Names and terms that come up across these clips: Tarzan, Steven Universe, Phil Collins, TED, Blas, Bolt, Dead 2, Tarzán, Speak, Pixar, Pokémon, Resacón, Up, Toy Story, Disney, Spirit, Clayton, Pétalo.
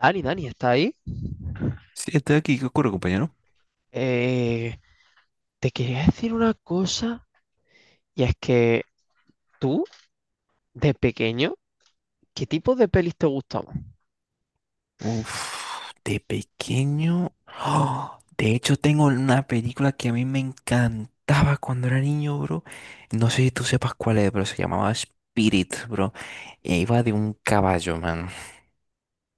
Dani, Dani, ¿está ahí? Sí, estoy aquí. ¿Qué ocurre, compañero? Eh, Te quería decir una cosa, y es que tú, de pequeño, ¿qué tipo de pelis te gustaban? Uf, de pequeño. ¡Oh! De hecho, tengo una película que a mí me encantaba cuando era niño, bro. No sé si tú sepas cuál es, pero se llamaba Spirit, bro. E iba de un caballo, man.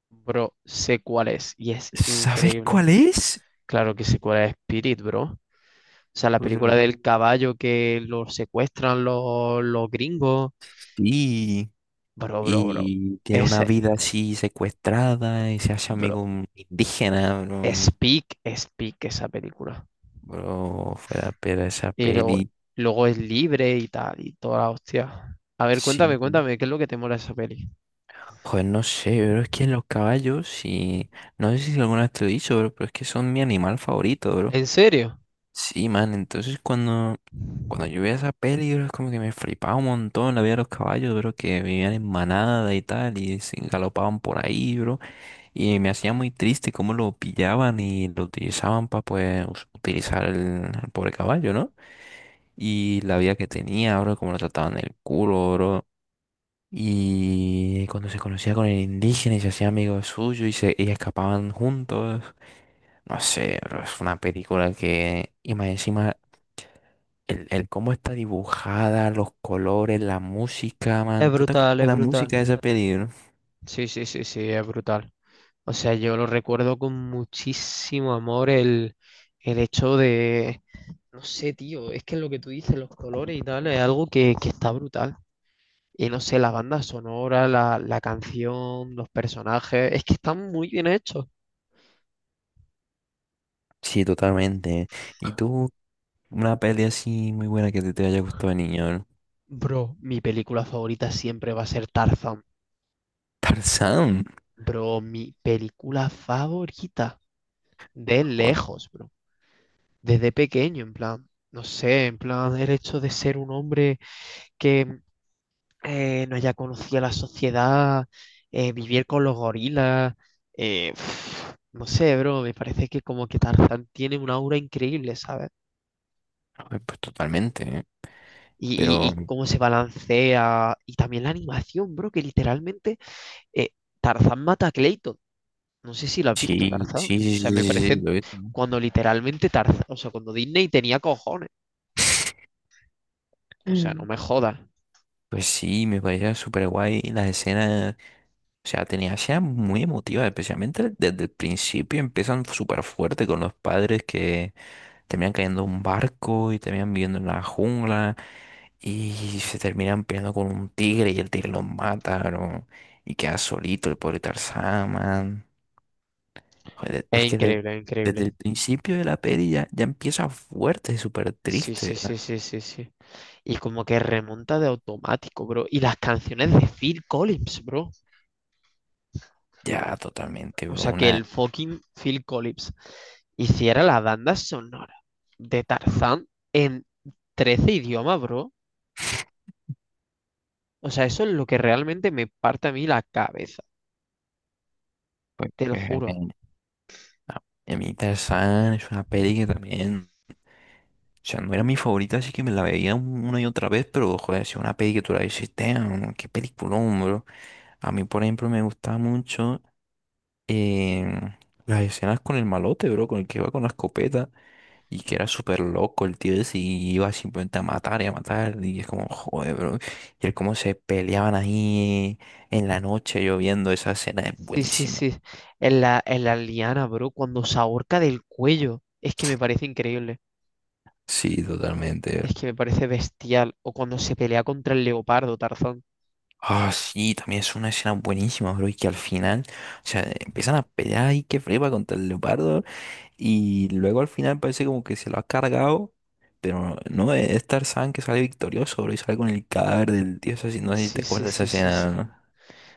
Bro, sé cuál es, y es ¿Sabes increíble. cuál es? Claro que sé cuál es Spirit, bro. O sea, la película Bro. del caballo que lo secuestran los gringos. Sí. Bro, bro, bro. Y tiene una Ese, vida así secuestrada y se hace bro. amigo un indígena, bro. Speak, Speak, esa película. Bro, fuera, pero esa Y luego, peli. luego es libre y tal, y toda la hostia. A ver, cuéntame, Sí. cuéntame, ¿qué es lo que te mola de esa peli? Pues no sé, pero es que los caballos y no sé si alguna vez te lo he dicho, bro, pero es que son mi animal favorito, bro. ¿En serio? Sí, man, entonces cuando yo veía esa peli, bro, es como que me flipaba un montón la vida de los caballos, bro, que vivían en manada y tal, y se galopaban por ahí, bro, y me hacía muy triste cómo lo pillaban y lo utilizaban para, pues, utilizar el pobre caballo, ¿no? Y la vida que tenía, bro, cómo lo trataban el culo, bro. Y cuando se conocía con el indígena y se hacía amigo suyo y, se, y escapaban juntos, no sé, bro, es una película que, y más encima, el cómo está dibujada, los colores, la música, Es man, ¿tú te acuerdas brutal, de es la música brutal. de esa peli, bro? Sí, sí, sí, sí, es brutal. O sea, yo lo recuerdo con muchísimo amor el hecho de, no sé, tío, es que lo que tú dices, los colores y tal, es algo que está brutal. Y no sé, la banda sonora, la canción, los personajes, es que están muy bien hechos. Sí, totalmente. ¿Y tú, una peli así muy buena que te haya gustado de niño, bro? Bro, mi película favorita siempre va a ser Tarzan. Tarzán, Bro, mi película favorita. De joder, lejos, bro. Desde pequeño, en plan, no sé, en plan, el hecho de ser un hombre que mm, no haya conocido la sociedad, vivir con los gorilas, eh, no sé, bro, me parece que como que Tarzán tiene una aura increíble, ¿sabes? joder, pues totalmente, ¿eh? Y, y- Pero y cómo se balancea, y también la animación, bro, que literalmente eh, Tarzán mata a Clayton. No sé si lo has visto, sí, Tarzán. sí, O sí, sí, sí, sea, me sí, sí, parece lo he visto. cuando literalmente Tarzán, o sea, cuando Disney tenía cojones. O sea, no me jodas. Pues sí, me parecía súper guay las escenas, o sea, tenía escenas muy emotivas, especialmente desde el principio empiezan súper fuerte con los padres que terminan cayendo en un barco y terminan viviendo en la jungla y se terminan peleando con un tigre y el tigre los mata, ¿no? Y queda solito el pobre Tarzán, man. Joder, Es es que increíble, es desde el increíble. principio de la peli ya, ya empieza fuerte, súper Sí, sí, triste, sí, ¿no? sí, sí, sí. Y como que remonta de automático, bro. Y las canciones de Phil Collins, bro. Ya, totalmente, O bro, sea, que una... el fucking Phil Collins hiciera la banda sonora de Tarzán en 13 idiomas, bro. O sea, eso es lo que realmente me parte a mí la cabeza, Pues, te lo pues, juro. A a mí Tarzán es una peli que también, o sea, no era mi favorita, así que me la veía una y otra vez, pero joder, si es una peli que tú la dices, "Damn, qué peliculón, bro". A mí, por ejemplo, me gustaba mucho em, las escenas con el malote, bro, con el que iba con la escopeta y que era súper loco el tío ese y iba simplemente a matar, y es como, joder, bro. Y el cómo se peleaban ahí en la noche lloviendo, esa escena es Sí, sí, buenísima. sí. En la liana, bro, cuando se ahorca del cuello. Es que me parece increíble. Sí, totalmente. Es que me parece bestial. O cuando se pelea contra el leopardo, Tarzán. Ah, sí, también es una escena buenísima, bro, y que al final, o sea, empiezan a pelear y que flipa contra el leopardo, y luego al final parece como que se lo ha cargado, pero no, es Tarzán que sale victorioso, bro, y sale con el cadáver del dios así, no sé si Sí, te sí, acuerdas de esa sí, sí, escena, sí. ¿no?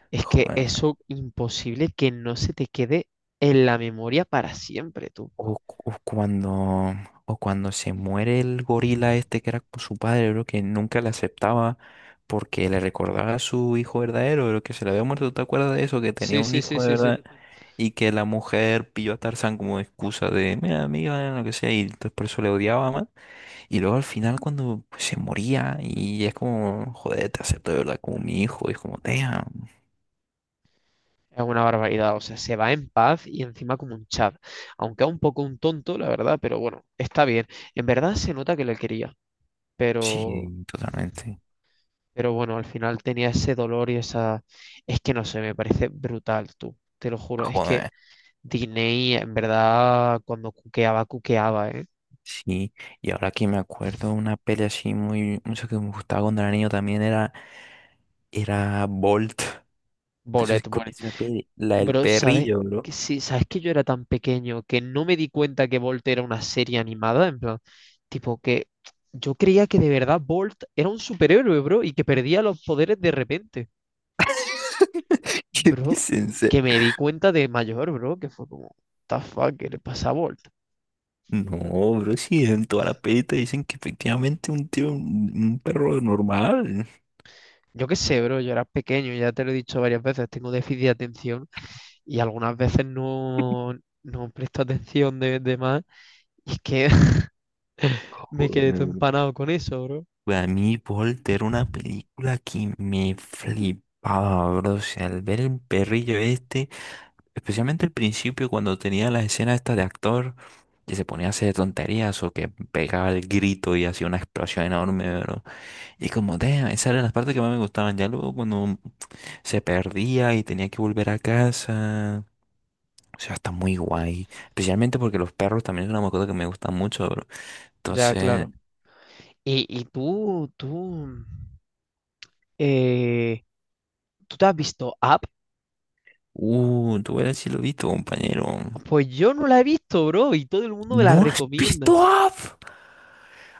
Es que Joder. eso imposible que no se te quede en la memoria para siempre, tú. O, o cuando, o cuando se muere el gorila este que era con su padre, bro, que nunca le aceptaba porque le recordaba a su hijo verdadero, bro, que se le había muerto, ¿te acuerdas de eso? Que tenía Sí, un sí, sí, hijo de sí, sí. verdad. Y que la mujer pilló a Tarzán como excusa de, mira, amiga, lo que sea, y entonces por eso le odiaba más. Y luego al final cuando pues, se moría y es como, joder, te acepto de verdad como mi hijo, y es como, damn, Es una barbaridad, o sea, se va en paz y encima como un chat. Aunque es un poco un tonto, la verdad, pero bueno, está bien. En verdad se nota que le quería, pero, sí, totalmente. pero bueno, al final tenía ese dolor y esa... Es que no sé, me parece brutal, tú, te lo juro. Es que Joder, Diney, en verdad, cuando cuqueaba, cuqueaba, ¿eh? sí. Y ahora que me acuerdo, una peli así muy, mucho que me gustaba cuando era niño también era Bolt. Entonces Bolet. con esa peli, la del Bro, ¿sabes perrillo, bro. que sí? ¿Sabes que yo era tan pequeño que no me di cuenta que Bolt era una serie animada? En plan, tipo que yo creía que de verdad Bolt era un superhéroe, bro, y que perdía los poderes de repente. ¿Qué Bro, dicen? que me di cuenta de mayor, bro, que fue como, "What the fuck, ¿qué le pasa a Bolt?". No, bro, sí, en toda la peli te dicen que efectivamente un tío, un perro normal. Yo qué sé, bro, yo era pequeño, ya te lo he dicho varias veces, tengo déficit de atención y algunas veces no presto atención de más. Y es que me quedé todo Joder, bro. empanado con eso, bro. Pues a mí Volter era una película que me flipaba, bro. O sea, al ver el perrillo este, especialmente al principio cuando tenía las escenas estas de actor que se ponía a hacer tonterías o que pegaba el grito y hacía una explosión enorme, bro. Y como, damn, esas eran las partes que más me gustaban. Ya luego cuando se perdía y tenía que volver a casa. O sea, está muy guay. Especialmente porque los perros también es una mascota que me gusta mucho, bro. Ya, Entonces, claro. Y eh, ¿tú te has visto Up? Tú verás si lo he visto, compañero. Pues yo no la he visto, bro, y todo el mundo me la ¿No has recomienda. visto Up?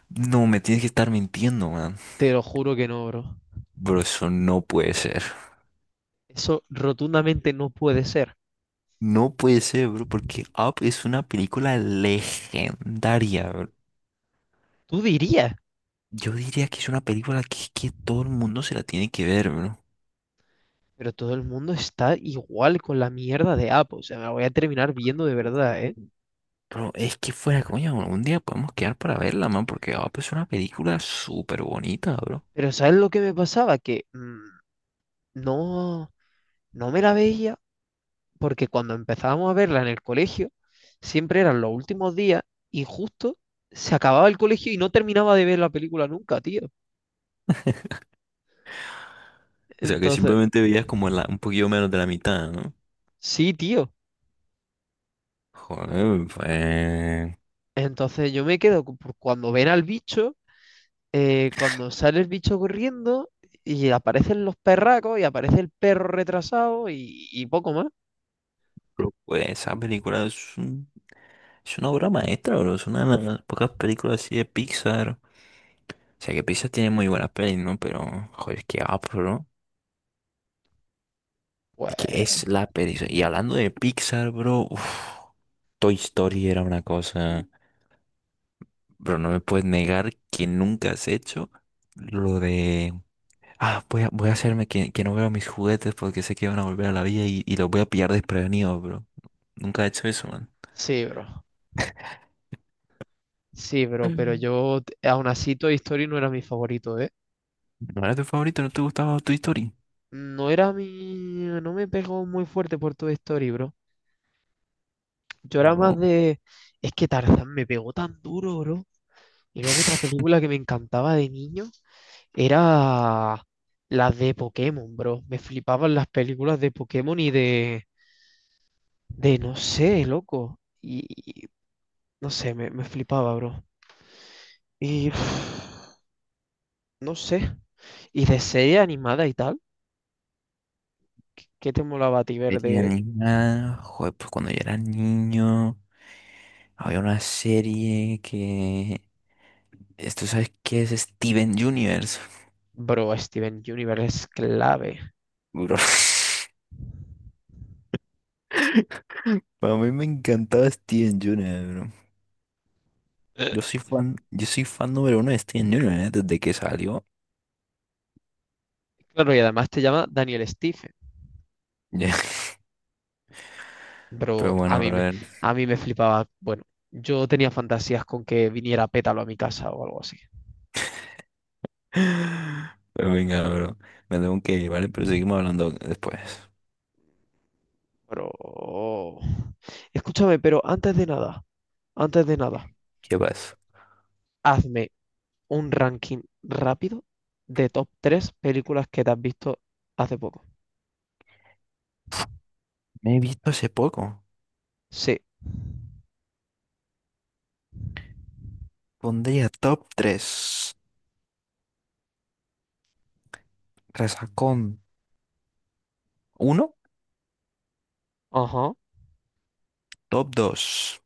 No, me tienes que estar mintiendo, man. Te lo juro que no, bro. Bro, eso no puede ser. Eso rotundamente no puede ser. No puede ser, bro, porque Up es una película legendaria, bro. Tú dirías, Yo diría que es una película que todo el mundo se la tiene que ver, bro. pero todo el mundo está igual con la mierda de Up. O sea, me la voy a terminar viendo de verdad, ¿eh? Pero es que fuera, coño, un día podemos quedar para verla, man, porque Up es una película súper bonita, bro. Pero ¿sabes lo que me pasaba? Que no, no me la veía, porque cuando empezábamos a verla en el colegio, siempre eran los últimos días y justo se acababa el colegio y no terminaba de ver la película nunca, tío. O sea que Entonces, simplemente veías como la, un poquito menos de la mitad, ¿no? sí, tío. Joder, pues, Entonces yo me quedo por cuando ven al bicho, cuando sale el bicho corriendo y aparecen los perracos y aparece el perro retrasado y poco más. pero, pues, esa película es una obra maestra, bro. Es una de las pocas películas así de Pixar. O sea que Pixar tiene muy buenas pelis, ¿no? Pero, joder, qué up, bro. Es que Pues es la peli. Y hablando de Pixar, bro, uf, Toy Story era una cosa. Bro, no me puedes negar que nunca has hecho lo de "Ah, voy a hacerme que no veo mis juguetes porque sé que van a volver a la vida y los voy a pillar desprevenido, bro". Nunca he hecho eso, man. sí, bro. Sí, bro, pero Mm. yo aún así Toy Story no era mi favorito, ¿eh? ¿No era tu favorito? ¿No te gustaba tu historia? No era mi... No me pegó muy fuerte por Toy Story, bro. Yo era más Bro. de... Es que Tarzán me pegó tan duro, bro. Y luego otra película que me encantaba de niño era las de Pokémon, bro. Me flipaban las películas de Pokémon y de... De no sé, loco. Y... no sé, me flipaba, bro. Y... no sé. Y de serie animada y tal. ¿Qué te molaba a ti ver Serie de...? animada. Joder, pues cuando yo era niño había una serie que... ¿Esto sabes qué es? Steven Universe, Bro, Steven Universe es clave. bro. Para mí me encantaba Steven Universe, bro. Eh, Yo soy fan número uno de Steven Universe, ¿eh?, desde que salió. Claro, y además te llama Daniel Stephen. Pero Pero a bueno, mí me, bro. a mí me flipaba. Bueno, yo tenía fantasías con que viniera Pétalo a mi casa o algo así. Pero venga, bro. Me tengo que ir, ¿vale? Pero seguimos hablando después. Pero... oh, escúchame, pero antes de nada, ¿Qué pasa? hazme un ranking rápido de top 3 películas que te has visto hace poco. Me he visto hace poco. Sí. Pondría top 3. Resacón uno. Ajá, Top 2.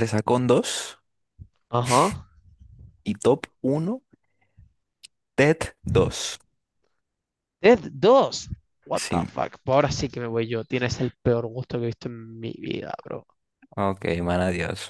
Resacón dos. ajá. Y top uno, TED dos. Dead 2. What the Sí. fuck. Pues ahora sí que me voy yo. Tienes el peor gusto que he visto en mi vida, bro. Ok, man, adiós.